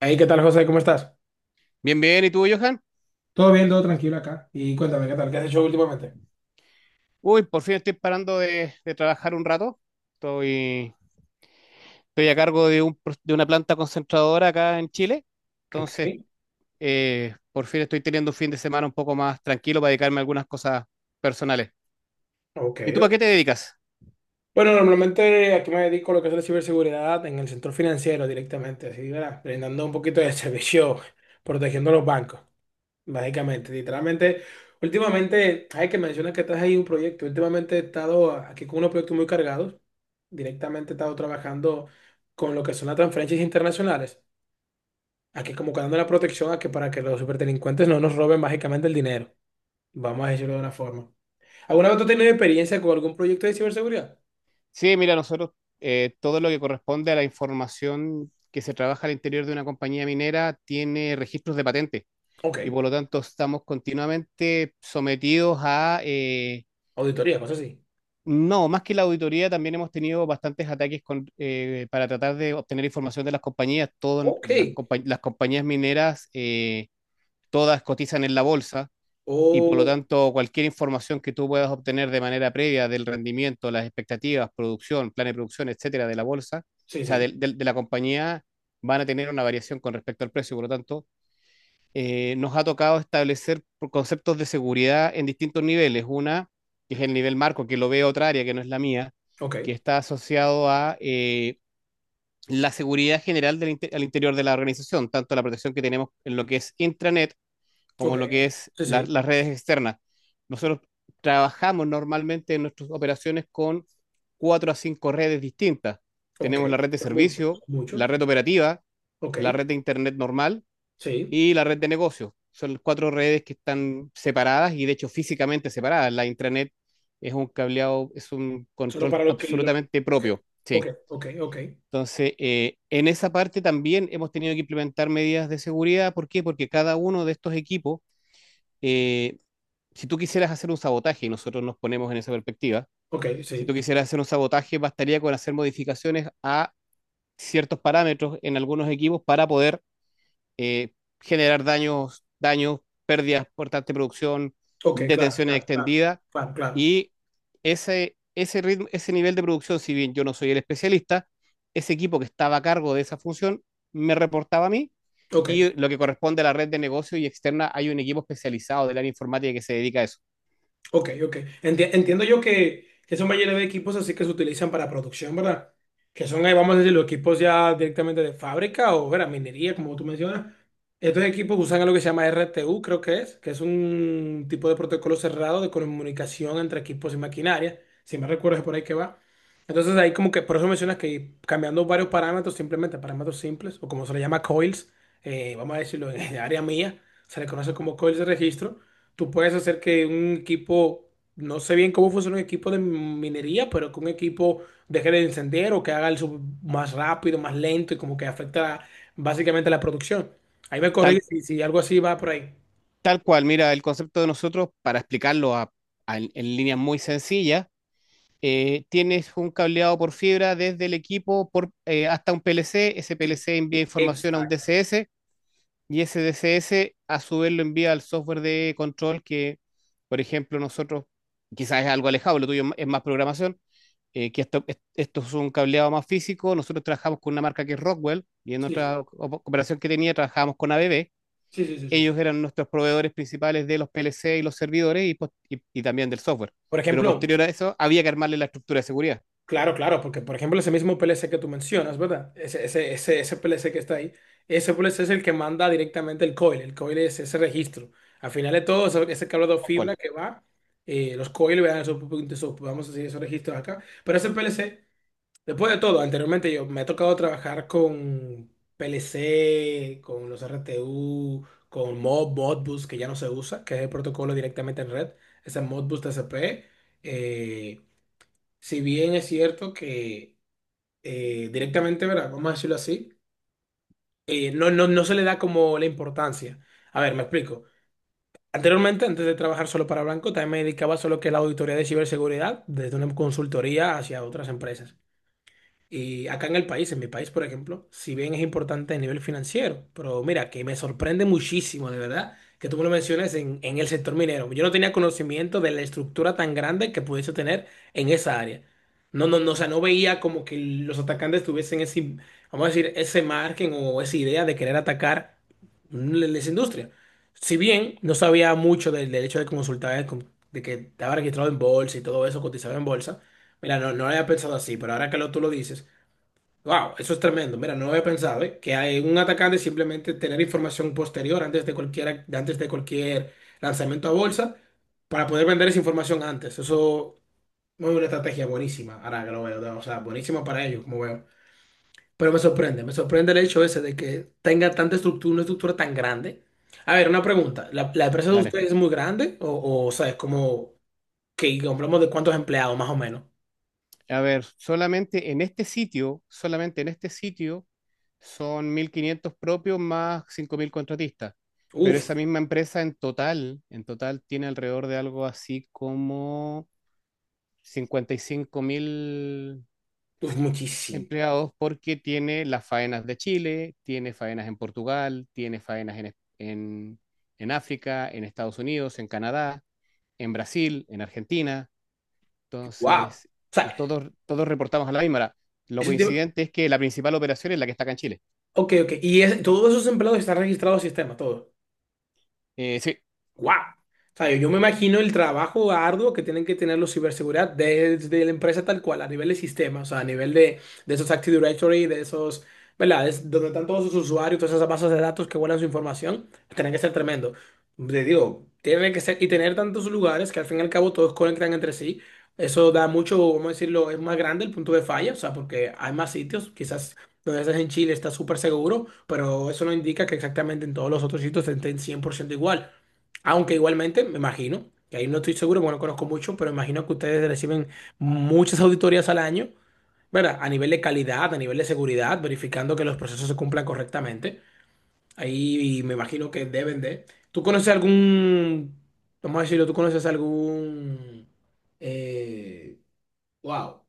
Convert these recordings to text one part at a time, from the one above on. Ahí, ¿qué tal, José? ¿Cómo estás? Bien, bien, ¿y tú, Johan? Todo bien, todo tranquilo acá. Y cuéntame, ¿qué tal? ¿Qué has hecho últimamente? Uy, por fin estoy parando de trabajar un rato. Estoy, estoy a cargo de de una planta concentradora acá en Chile. Ok, Entonces, por fin estoy teniendo un fin de semana un poco más tranquilo para dedicarme a algunas cosas personales. ok. ¿Y tú a qué Ok. te dedicas? Bueno, normalmente aquí me dedico a lo que es la ciberseguridad en el sector financiero directamente, así, ¿verdad? Brindando un poquito de servicio, protegiendo los bancos, básicamente. Literalmente, últimamente, hay que mencionar que estás ahí un proyecto. Últimamente he estado aquí con unos proyectos muy cargados. Directamente he estado trabajando con lo que son las transferencias internacionales. Aquí como que dando la protección a que para que los superdelincuentes no nos roben básicamente el dinero. Vamos a decirlo de una forma. ¿Alguna vez tú has tenido experiencia con algún proyecto de ciberseguridad? Sí, mira, nosotros todo lo que corresponde a la información que se trabaja al interior de una compañía minera tiene registros de patente y Ok. por lo tanto estamos continuamente sometidos a... Auditoría, cosas así. No, más que la auditoría, también hemos tenido bastantes ataques con, para tratar de obtener información de las compañías. Todas Ok. las las compañías mineras, todas cotizan en la bolsa y por lo O... tanto cualquier información que tú puedas obtener de manera previa del rendimiento, las expectativas, producción, plan de producción, etcétera, de la bolsa, o Sí, sea, sí. de la compañía, van a tener una variación con respecto al precio. Por lo tanto, nos ha tocado establecer conceptos de seguridad en distintos niveles. Una, que es el nivel marco, que lo ve otra área que no es la mía, que Ok. está asociado a la seguridad general al interior de la organización, tanto la protección que tenemos en lo que es intranet Ok. como lo que es Sí, sí. las redes externas. Nosotros trabajamos normalmente en nuestras operaciones con cuatro a cinco redes distintas. Ok. Tenemos la red de Son muchos, servicio, son la muchos. red operativa, Ok. la red de internet normal Sí. y la red de negocios. Son cuatro redes que están separadas y de hecho físicamente separadas. La intranet es un cableado, es un Solo control para los que. absolutamente Ok. propio. Ok, Sí. ok, ok. Entonces, en esa parte también hemos tenido que implementar medidas de seguridad. ¿Por qué? Porque cada uno de estos equipos, eh, si tú quisieras hacer un sabotaje, y nosotros nos ponemos en esa perspectiva, Ok, si tú sí. quisieras hacer un sabotaje, bastaría con hacer modificaciones a ciertos parámetros en algunos equipos para poder eh, generar daños, daños, pérdidas por tanta producción, Ok, claro, detenciones claro, claro. extendidas. Claro, claro. Y ritmo, ese nivel de producción, si bien yo no soy el especialista, ese equipo que estaba a cargo de esa función me reportaba a mí Ok. y lo que corresponde a la red de negocio y externa, hay un equipo especializado del área informática que se dedica a eso. Ok, ok. Entiendo yo que son mayoría de equipos así que se utilizan para producción, ¿verdad? Que son, vamos a decir, los equipos ya directamente de fábrica o, ¿verdad? Minería, como tú mencionas. Estos equipos usan algo que se llama RTU, creo que es un tipo de protocolo cerrado de comunicación entre equipos y maquinaria. Si me recuerdo, es por ahí que va. Entonces, ahí como que, por eso mencionas que cambiando varios parámetros, simplemente parámetros simples, o como se le llama coils, vamos a decirlo en el área mía, se le conoce como coils de registro. Tú puedes hacer que un equipo, no sé bien cómo funciona un equipo de minería, pero que un equipo deje de encender o que haga el sub más rápido, más lento y como que afecta básicamente la producción. Ahí me corrí Tal, si, si algo así va por ahí. tal cual, mira, el concepto de nosotros, para explicarlo en líneas muy sencillas, tienes un cableado por fibra desde el equipo por, hasta un PLC. Ese Sí. PLC envía información a un Exacto. DCS y ese DCS a su vez lo envía al software de control que, por ejemplo, nosotros, quizás es algo alejado, lo tuyo es más programación, eh, que esto, esto es un cableado más físico. Nosotros trabajamos con una marca que es Rockwell y en Sí, otra operación que tenía trabajábamos con ABB. sí, sí, sí, sí, sí. Sí. Ellos eran nuestros proveedores principales de los PLC y los servidores y también del software. Por Pero ejemplo, posterior a eso había que armarle la estructura de seguridad. Claro, claro, porque por ejemplo ese mismo PLC que tú mencionas, ¿verdad? Ese PLC que está ahí, ese PLC es el que manda directamente el coil es ese registro. Al final de todo, ese cable de Tal cual, fibra que va, los coils vean vamos a decir, esos registros acá. Pero ese PLC, después de todo, anteriormente yo me ha tocado trabajar con PLC, con los RTU, con Mod, Modbus, que ya no se usa, que es el protocolo directamente en red, ese Modbus TCP. Si bien es cierto que directamente, ¿verdad? Vamos a decirlo así, no, no, no se le da como la importancia. A ver, me explico. Anteriormente, antes de trabajar solo para Blanco, también me dedicaba solo que a la auditoría de ciberseguridad, desde una consultoría hacia otras empresas. Y acá en el país, en mi país, por ejemplo, si bien es importante a nivel financiero, pero mira, que me sorprende muchísimo, de verdad, que tú me lo menciones en el sector minero. Yo no tenía conocimiento de la estructura tan grande que pudiese tener en esa área. No, no, no, o sea, no veía como que los atacantes tuviesen ese, vamos a decir, ese margen o esa idea de querer atacar esa industria. Si bien no sabía mucho del hecho de consultar, de, de que estaba registrado en bolsa y todo eso, cotizaba en bolsa, mira, no, no lo había pensado así, pero ahora que tú lo dices. Wow, eso es tremendo. Mira, no lo había pensado, ¿eh? Que hay un atacante simplemente tener información posterior antes de cualquier lanzamiento a bolsa para poder vender esa información antes. Eso es una estrategia buenísima, ahora que lo veo, ¿no? O sea, buenísima para ellos, como veo. Pero me sorprende el hecho ese de que tenga tanta estructura, una estructura tan grande. A ver, una pregunta. ¿La empresa de dale. ustedes es muy grande? O sea, es como que hablamos de cuántos empleados, más o menos. A ver, solamente en este sitio, solamente en este sitio son 1.500 propios más 5.000 contratistas, pero Uf, esa misma empresa en total tiene alrededor de algo así como 55.000 uf, muchísimo. empleados porque tiene las faenas de Chile, tiene faenas en Portugal, tiene faenas en África, en Estados Unidos, en Canadá, en Brasil, en Argentina. Wow. O Entonces, y sea, todos reportamos a la misma hora. Lo eso coincidente es que la principal operación es la que está acá en Chile. Ok, ok. Y todos esos empleados están registrados al sistema, todos. Sí, ¡Guau! O sea, yo me imagino el trabajo arduo que tienen que tener los ciberseguridad desde la empresa tal cual, a nivel de sistema, o sea, a nivel de esos Active Directory, de esos, ¿verdad? Es donde están todos sus usuarios, todas esas bases de datos que guardan su información, tienen que ser tremendo. Te digo, tiene que ser, y tener tantos lugares que al fin y al cabo todos conectan entre sí, eso da mucho, vamos a decirlo, es más grande el punto de falla, o sea, porque hay más sitios, quizás donde estás en Chile está súper seguro, pero eso no indica que exactamente en todos los otros sitios estén 100% igual. Aunque igualmente, me imagino, que ahí no estoy seguro, bueno, conozco mucho, pero imagino que ustedes reciben muchas auditorías al año, ¿verdad? A nivel de calidad, a nivel de seguridad, verificando que los procesos se cumplan correctamente. Ahí me imagino que deben de. ¿Tú conoces algún, vamos a decirlo, tú conoces algún, eh, wow,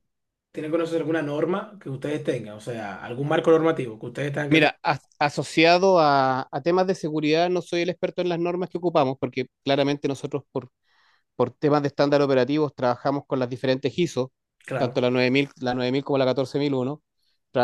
tienen que conocer alguna norma que ustedes tengan, o sea, algún marco normativo que ustedes tengan que...? mira, asociado a temas de seguridad, no soy el experto en las normas que ocupamos, porque claramente nosotros, por temas de estándar operativos, trabajamos con las diferentes ISO, tanto Claro. la 9000 la 9000 como la 14001.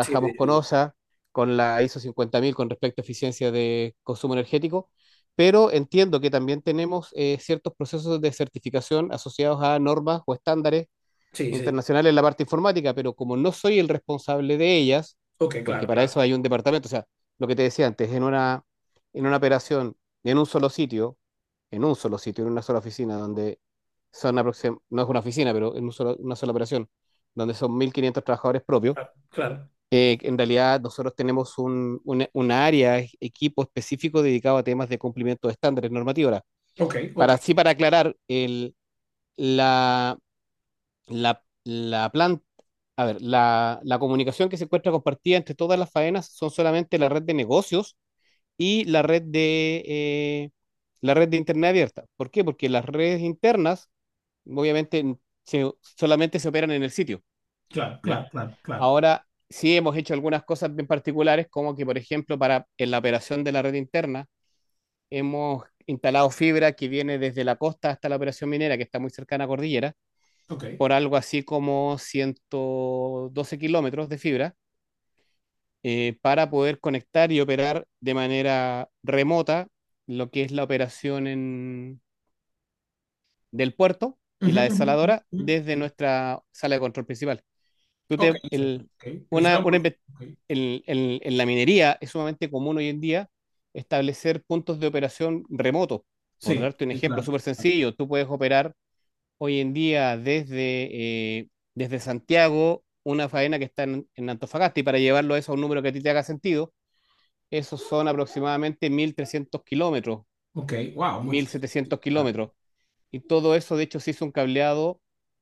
Sí, sí, con sí. OSA, con la ISO 1000 con respecto a eficiencia de consumo energético, pero entiendo que también tenemos ciertos procesos de certificación asociados a normas o estándares Sí, sí. internacionales en la parte informática, pero como no soy el responsable de ellas, Ok, porque claro, para claro, eso hay un departamento, o sea, lo que te decía antes, en una operación, en un solo sitio, en un solo sitio, en una sola oficina, donde son no es una oficina, pero en un una sola operación, donde son 1.500 trabajadores propios, claro, claro. En realidad nosotros tenemos un una área, equipo específico dedicado a temas de cumplimiento de estándares normativos. Ahora, Ok, ok. Para aclarar, la, la planta, a ver, la comunicación que se encuentra compartida entre todas las faenas son solamente la red de negocios y la red de Internet abierta. ¿Por qué? Porque las redes internas, obviamente, solamente se operan en el sitio, Claro, ¿ya? claro, claro, claro. Ahora, sí hemos hecho algunas cosas bien particulares, como que, por ejemplo, para en la operación de la red interna, hemos instalado fibra que viene desde la costa hasta la operación minera, que está muy cercana a Cordillera, Ok. por algo así como 112 kilómetros de fibra para poder conectar y operar de manera remota lo que es la operación del puerto y Ujú, la ujú, desaladora ujú, desde ujú. nuestra sala de control principal. Tú Ok, te- sí, el- ok. Lo hicieron una por... inve- ok. En la minería es sumamente común hoy en día establecer puntos de operación remotos. Por Sí, darte un sí, ejemplo claro. súper sencillo, tú puedes operar hoy en día desde, desde Santiago una faena que está en Antofagasta y para llevarlo eso a un número que a ti te haga sentido, esos son aproximadamente 1.300 kilómetros, Ok, wow, mil mucho. setecientos Claro. kilómetros. Y todo eso, de hecho, se hizo un cableado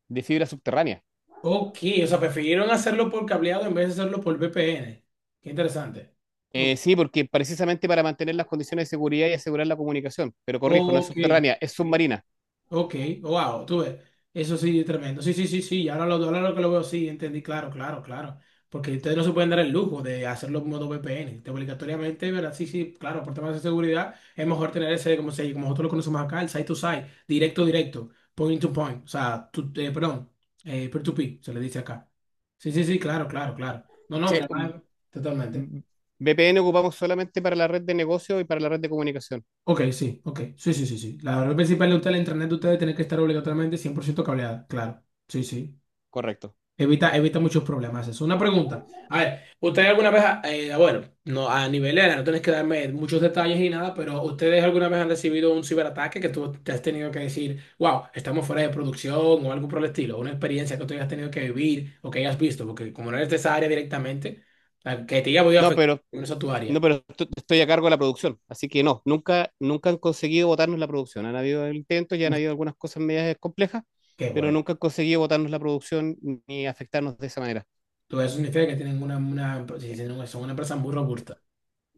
de fibra subterránea. Ok, o sea, prefirieron hacerlo por cableado en vez de hacerlo por VPN. Qué interesante. Ok. Sí, porque precisamente para mantener las condiciones de seguridad y asegurar la comunicación. Pero corrijo, no es Ok. subterránea, es submarina. Ok, wow, tú ves, eso sí es tremendo. Sí, sí, sí, sí. Y ahora lo que lo veo, sí, entendí, claro, claro, claro. Porque ustedes no se pueden dar el lujo de hacerlo en modo VPN. Te obligatoriamente, ¿verdad? Sí, sí, claro, por temas de seguridad, es mejor tener ese, como se, como nosotros lo conocemos acá, el side to side, directo, directo, point to point. O sea, perdón, peer to peer, se le dice acá. Sí, sí, sí, claro, claro, claro. No, no, Sí, hombre, nada, totalmente. mm, VPN ocupamos solamente para la red de negocio y para la red de comunicación. Ok, sí, ok, sí, sí, sí, sí. La red principal de usted, la internet de ustedes, tiene que estar obligatoriamente 100% cableada, claro. Sí, sí. Correcto. Evita, evita muchos problemas. Es una pregunta. A ver, ¿ustedes alguna vez, bueno, no a nivel de no tienes que darme muchos detalles ni nada, pero ¿ustedes alguna vez han recibido un ciberataque que tú te has tenido que decir, wow, estamos fuera de producción o algo por el estilo? Una experiencia que tú hayas tenido que vivir o que hayas visto, porque como no eres de esa área directamente, la que te haya podido No, afectar pero no es a tu No, área. pero estoy a cargo de la producción, así que no, nunca han conseguido votarnos la producción. Han habido intentos, ya han Uf, habido algunas cosas medias complejas, qué pero bueno. nunca han conseguido votarnos la producción ni afectarnos de esa manera. Todo eso significa que tienen una, sí, Eh, sí, son una empresa muy eh, robusta.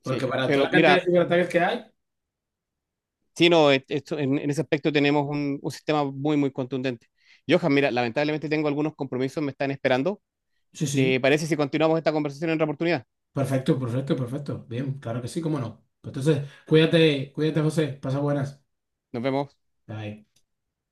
Porque Sí, para toda pero la cantidad de mira, ciberataques que hay, sí, no, en ese aspecto tenemos un sistema muy, muy contundente. Johan, mira, lamentablemente tengo algunos compromisos, me están esperando. sí, ¿Te sí. parece si continuamos esta conversación en otra oportunidad? Perfecto, perfecto, perfecto. Bien, claro que sí, cómo no. Entonces, cuídate, cuídate, José. Pasa buenas. Nos vemos. Bye.